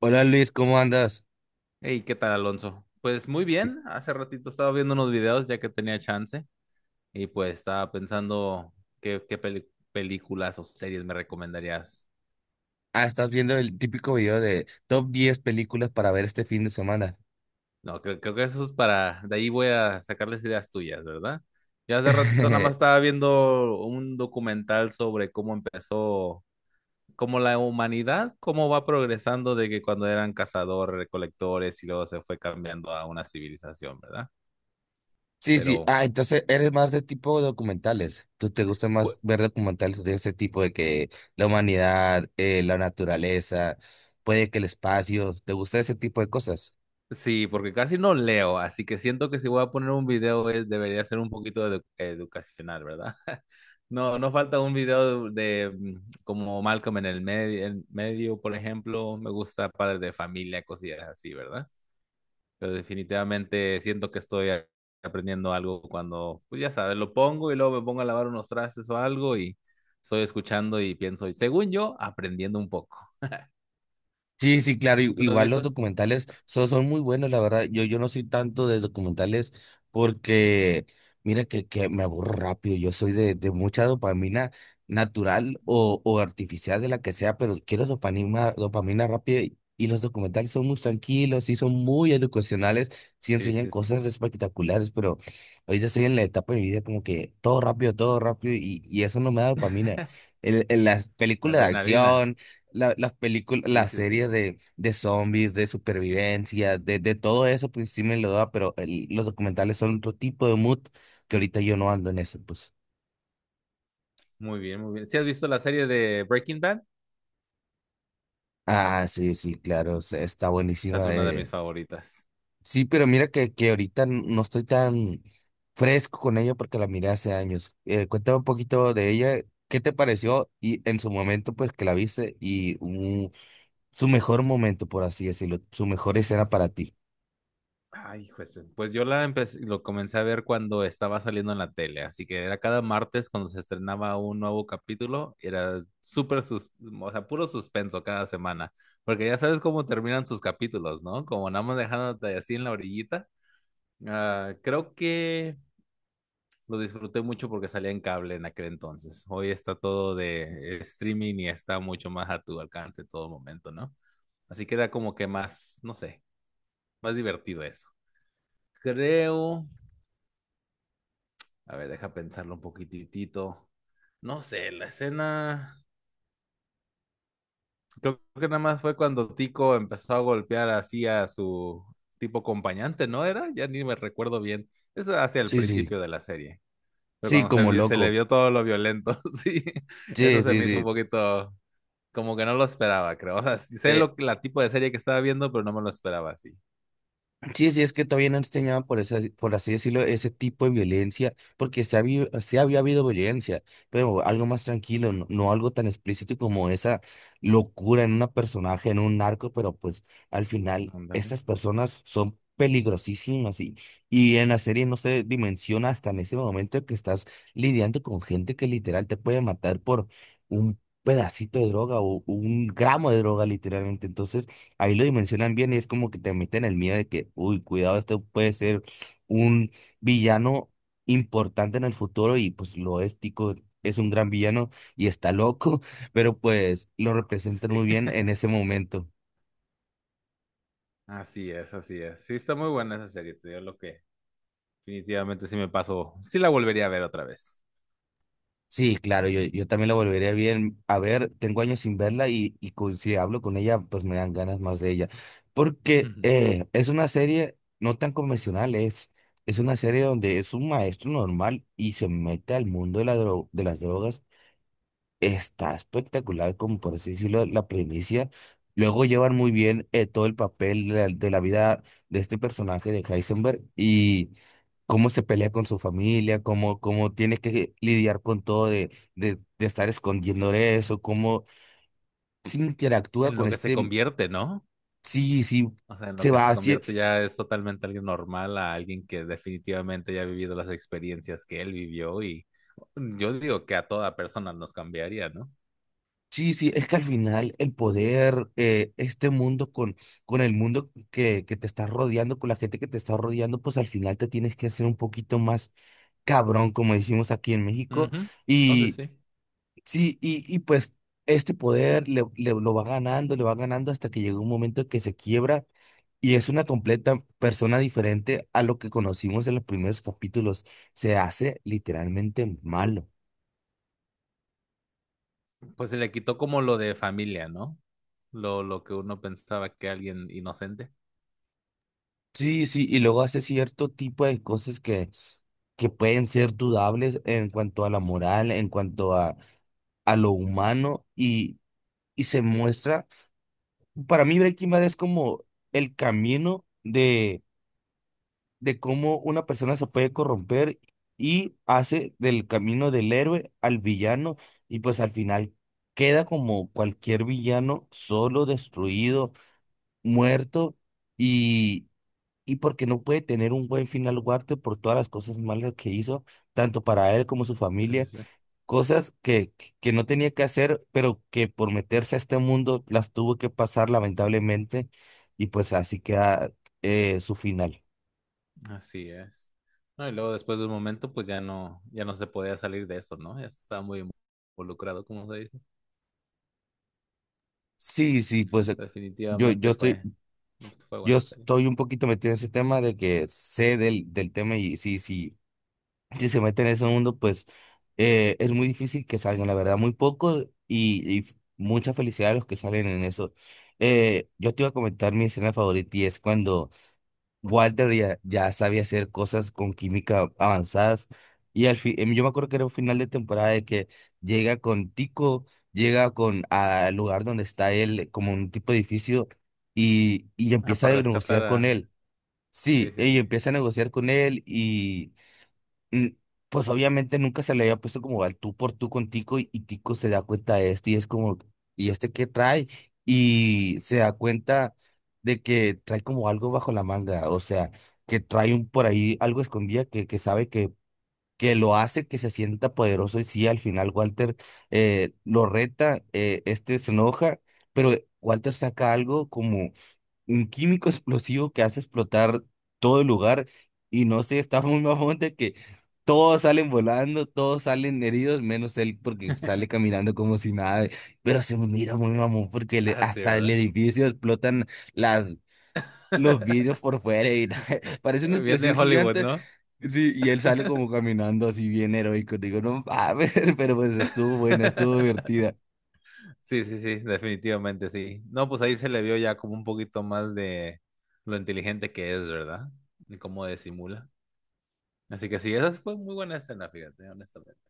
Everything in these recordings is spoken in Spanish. Hola Luis, ¿cómo andas? Hey, ¿qué tal, Alonso? Pues muy bien, hace ratito estaba viendo unos videos ya que tenía chance y pues estaba pensando qué, qué peli- películas o series me recomendarías. Ah, estás viendo el típico video de top 10 películas para ver este fin de semana. No, creo que eso es para, de ahí voy a sacarles ideas tuyas, ¿verdad? Ya hace ratito nada más estaba viendo un documental sobre cómo empezó, cómo la humanidad, cómo va progresando de que cuando eran cazadores, recolectores y luego se fue cambiando a una civilización, ¿verdad? Sí, sí. Pero... Ah, entonces eres más de tipo documentales. ¿Tú te gusta más ver documentales de ese tipo de que la humanidad, la naturaleza, puede que el espacio? ¿Te gusta ese tipo de cosas? Sí, porque casi no leo, así que siento que si voy a poner un video debería ser un poquito educacional, ¿verdad? No, no falta un video de, como Malcolm en el medio, en medio, por ejemplo, me gusta Padre de Familia, cosillas así, ¿verdad? Pero definitivamente siento que aprendiendo algo cuando, pues ya sabes, lo pongo y luego me pongo a lavar unos trastes o algo y estoy escuchando y pienso, según yo, aprendiendo un poco. Sí, sí, claro, ¿Tú no has igual los visto? documentales son, son muy buenos, la verdad. Yo no soy tanto de documentales porque, mira, que me aburro rápido. Yo soy de mucha dopamina natural o artificial, de la que sea, pero quiero dopamina, dopamina rápida y los documentales son muy tranquilos y son muy educacionales, sí Sí, enseñan sí, sí. cosas espectaculares, pero ahorita estoy en la etapa de mi vida como que todo rápido y eso no me da dopamina. En las La películas de adrenalina. acción las películas, Sí, las sí, series sí. De zombies, de supervivencia, de todo eso, pues sí me lo da, pero los documentales son otro tipo de mood que ahorita yo no ando en eso, pues. Muy bien, muy bien. ¿Sí has visto la serie de Breaking Bad? Ah, sí, sí, claro, está Esa es buenísima. una de mis Eh. favoritas. Sí, pero mira que, que ahorita no estoy tan fresco con ella porque la miré hace años. Cuéntame un poquito de ella, ¿qué te pareció? Y en su momento, pues que la viste y su mejor momento, por así decirlo, su mejor escena para ti. Pues yo la empecé, lo comencé a ver cuando estaba saliendo en la tele, así que era cada martes cuando se estrenaba un nuevo capítulo, era o sea, puro suspenso cada semana, porque ya sabes cómo terminan sus capítulos, ¿no? Como nada más dejándote así en la orillita. Ah, creo que lo disfruté mucho porque salía en cable en aquel entonces. Hoy está todo de streaming y está mucho más a tu alcance en todo momento, ¿no? Así que era como que más, no sé, más divertido eso. Creo, a ver, deja pensarlo un poquitito. No sé, la escena, creo que nada más fue cuando Tico empezó a golpear así a su tipo acompañante, ¿no era? Ya ni me recuerdo bien. Eso hacia el Sí, sí, principio de la serie. Pero sí, cuando como se le loco. vio todo lo violento, sí, eso Sí, se sí, me hizo un sí. poquito como que no lo esperaba, creo. O sea, sí sé Eh, lo, la tipo de serie que estaba viendo, pero no me lo esperaba así. sí, sí, es que todavía no enseñaban, por eso, por así decirlo, ese tipo de violencia, porque se había habido violencia, pero algo más tranquilo, no, no algo tan explícito como esa locura en una personaje, en un narco, pero pues al final Ándale. esas personas son peligrosísimas y en la serie no se dimensiona hasta en ese momento que estás lidiando con gente que literal te puede matar por un pedacito de droga o un gramo de droga literalmente. Entonces ahí lo dimensionan bien y es como que te meten el miedo de que, uy, cuidado, este puede ser un villano importante en el futuro y pues lo es. Tico es un gran villano y está loco, pero pues lo representan Sí, muy bien en ese momento. así es, así es. Sí, está muy buena esa serie, te digo lo que definitivamente sí me pasó. Sí la volvería a ver otra vez. Sí, claro, yo también la volveré a bien a ver. Tengo años sin verla y, si hablo con ella, pues me dan ganas más de ella. Porque Ujú. Es una serie no tan convencional, es una serie donde es un maestro normal y se mete al mundo de de las drogas. Está espectacular, como por así decirlo, la primicia. Luego llevan muy bien todo el papel de de la vida de este personaje de Heisenberg y cómo se pelea con su familia, cómo, cómo tiene que lidiar con todo de estar escondiendo eso, cómo se interactúa En con lo que se este, convierte, ¿no? sí, sí, O sea, en lo se que se va. convierte ya es totalmente alguien normal, a alguien que definitivamente ya ha vivido las experiencias que él vivió y yo digo que a toda persona nos cambiaría, ¿no? Sí, sí, es que al final el poder, este mundo con el mundo que te está rodeando, con la gente que te está rodeando, pues al final te tienes que hacer un poquito más cabrón, como decimos aquí en México. Ujú. No sé, Y sí. sí, y pues este poder lo va ganando, le va ganando hasta que llega un momento que se quiebra y es una completa persona diferente a lo que conocimos en los primeros capítulos. Se hace literalmente malo. Pues se le quitó como lo de familia, ¿no? Lo que uno pensaba que alguien inocente. Sí, sí, y luego hace cierto tipo de cosas que pueden ser dudables en cuanto a la moral, en cuanto a lo humano, y se muestra, para mí Breaking Bad es como el camino de cómo una persona se puede corromper y hace del camino del héroe al villano, y pues al final queda como cualquier villano, solo, destruido, muerto, y porque no puede tener un buen final Duarte por todas las cosas malas que hizo, tanto para él como su Sí, familia, sí, sí. cosas que, que no tenía que hacer, pero que por meterse a este mundo las tuvo que pasar lamentablemente, y pues así queda su final. Así es. No, y luego después de un momento, pues ya no, ya no se podía salir de eso, ¿no? Ya estaba muy involucrado, como se dice. Sí, sí, pues yo, Definitivamente fue, fue yo buena serie. estoy un poquito metido en ese tema de que sé del, del tema y sí, sí, si se meten en ese mundo, pues es muy difícil que salgan, la verdad, muy poco y, mucha felicidad a los que salen en eso. Yo te iba a comentar mi escena favorita y es cuando Walter ya, ya sabía hacer cosas con química avanzadas y al fin, yo me acuerdo que era un final de temporada de que llega con Tico, llega con al lugar donde está él, como un tipo de edificio, y Ah, empieza a para rescatar negociar con a... él. Sí, Sí, sí, y sí. empieza a negociar con él y mm, pues obviamente nunca se le había puesto como al tú por tú con Tico y Tico se da cuenta de esto y es como, ¿y este qué trae? Y se da cuenta de que trae como algo bajo la manga, o sea, que trae un por ahí algo escondida que sabe que lo hace que se sienta poderoso y sí, al final Walter lo reta, este se enoja, pero Walter saca algo como un químico explosivo que hace explotar todo el lugar y no sé, está muy mamón de que todos salen volando, todos salen heridos, menos él porque sale caminando como si nada, pero se mira muy mamón porque Ah, sí, hasta el ¿verdad? edificio explotan las... Los vidrios por fuera y parece una viene de explosión Hollywood, gigante. ¿no? Sí, y él sale como caminando así bien heroico. Digo, no mames, pero pues estuvo buena, estuvo divertida. Sí, sí, sí, definitivamente sí. No, pues ahí se le vio ya como un poquito más de lo inteligente que es, ¿verdad? Y cómo disimula. Así que sí, esa fue muy buena escena, fíjate, honestamente.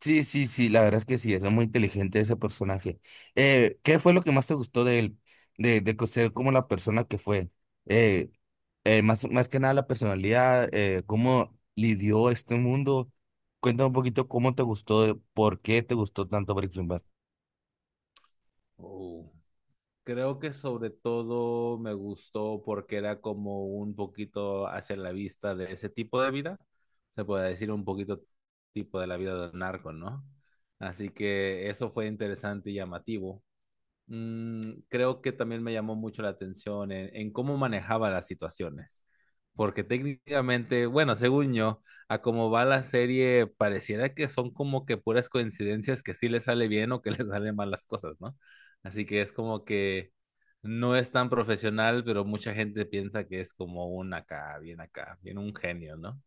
Sí, sí, sí, la verdad es que sí, es muy inteligente ese personaje. ¿Qué fue lo que más te gustó de él? De, ser como la persona que fue. Eh, más, más que nada la personalidad, cómo lidió este mundo. Cuéntame un poquito cómo te gustó, por qué te gustó tanto Breaking Bad. Uh, creo que sobre todo me gustó porque era como un poquito hacia la vista de ese tipo de vida. Se puede decir un poquito tipo de la vida del narco, ¿no? Así que eso fue interesante y llamativo. mm, creo que también me llamó mucho la atención en cómo manejaba las situaciones. Porque técnicamente, bueno, según yo, a cómo va la serie, pareciera que son como que puras coincidencias que sí le sale bien o que le salen mal las cosas, ¿no? Así que es como que no es tan profesional, pero mucha gente piensa que es como un acá, bien un genio, ¿no?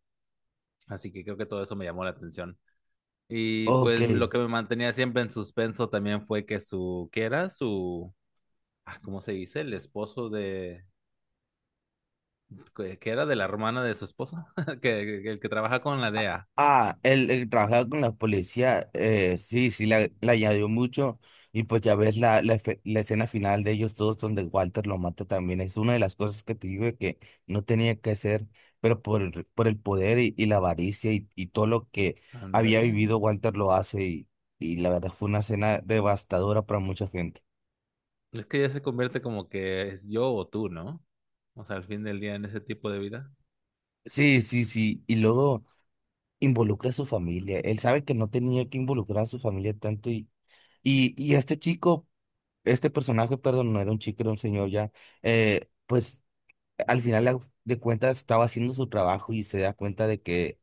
Así que creo que todo eso me llamó la atención. Y Ok. pues lo que me mantenía siempre en suspenso también fue que su, ¿qué era? Su ah, ¿cómo se dice? El esposo de, que era de la hermana de su esposa, el que trabaja con la DEA. Ah, el trabajar con la policía, sí, sí, la añadió mucho. Y pues ya ves la escena final de ellos todos donde Walter lo mata también. Es una de las cosas que te digo de que no tenía que hacer, pero por el poder y la avaricia y todo lo que había Ándale. vivido, Walter lo hace. Y la verdad fue una escena devastadora para mucha gente. Es que ya se convierte como que es yo o tú, ¿no? O sea, al fin del día en ese tipo de vida. Sí, sí, sí. Y luego involucra a su familia. Él sabe que no tenía que involucrar a su familia tanto y... Y, y este chico este personaje, perdón, no era un chico, era un señor ya, pues al final de cuentas estaba haciendo su trabajo y se da cuenta de que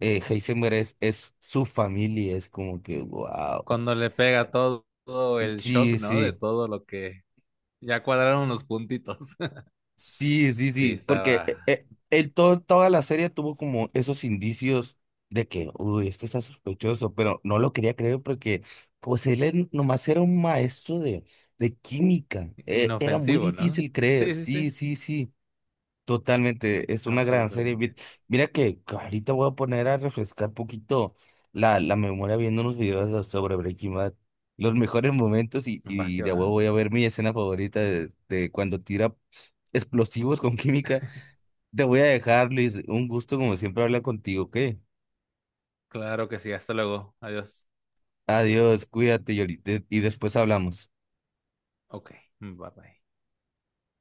Heisenberg es su familia, es como que, wow, Cuando le pega todo, todo el shock, sí, ¿no? De sí, todo lo que ya cuadraron los puntitos. sí, sí, Sí, sí, porque estaba él todo, toda la serie tuvo como esos indicios de que, uy, este está sospechoso, pero no lo quería creer porque, pues nomás era un maestro de química, era muy inofensivo, ¿no? difícil Sí, creer, sí, sí, sí. sí, sí. Totalmente, es una gran serie. Vi- Absolutamente. Mira que ahorita voy a poner a refrescar poquito la, la memoria viendo unos videos de- sobre Breaking Bad, los mejores momentos Va y que de va. huevo voy a ver mi escena favorita de cuando tira explosivos con química. Te voy a dejar, Luis, un gusto como siempre hablar contigo, ¿qué? Claro que sí. Hasta luego. Adiós. Adiós, cuídate y y después hablamos. Ok. Bye bye.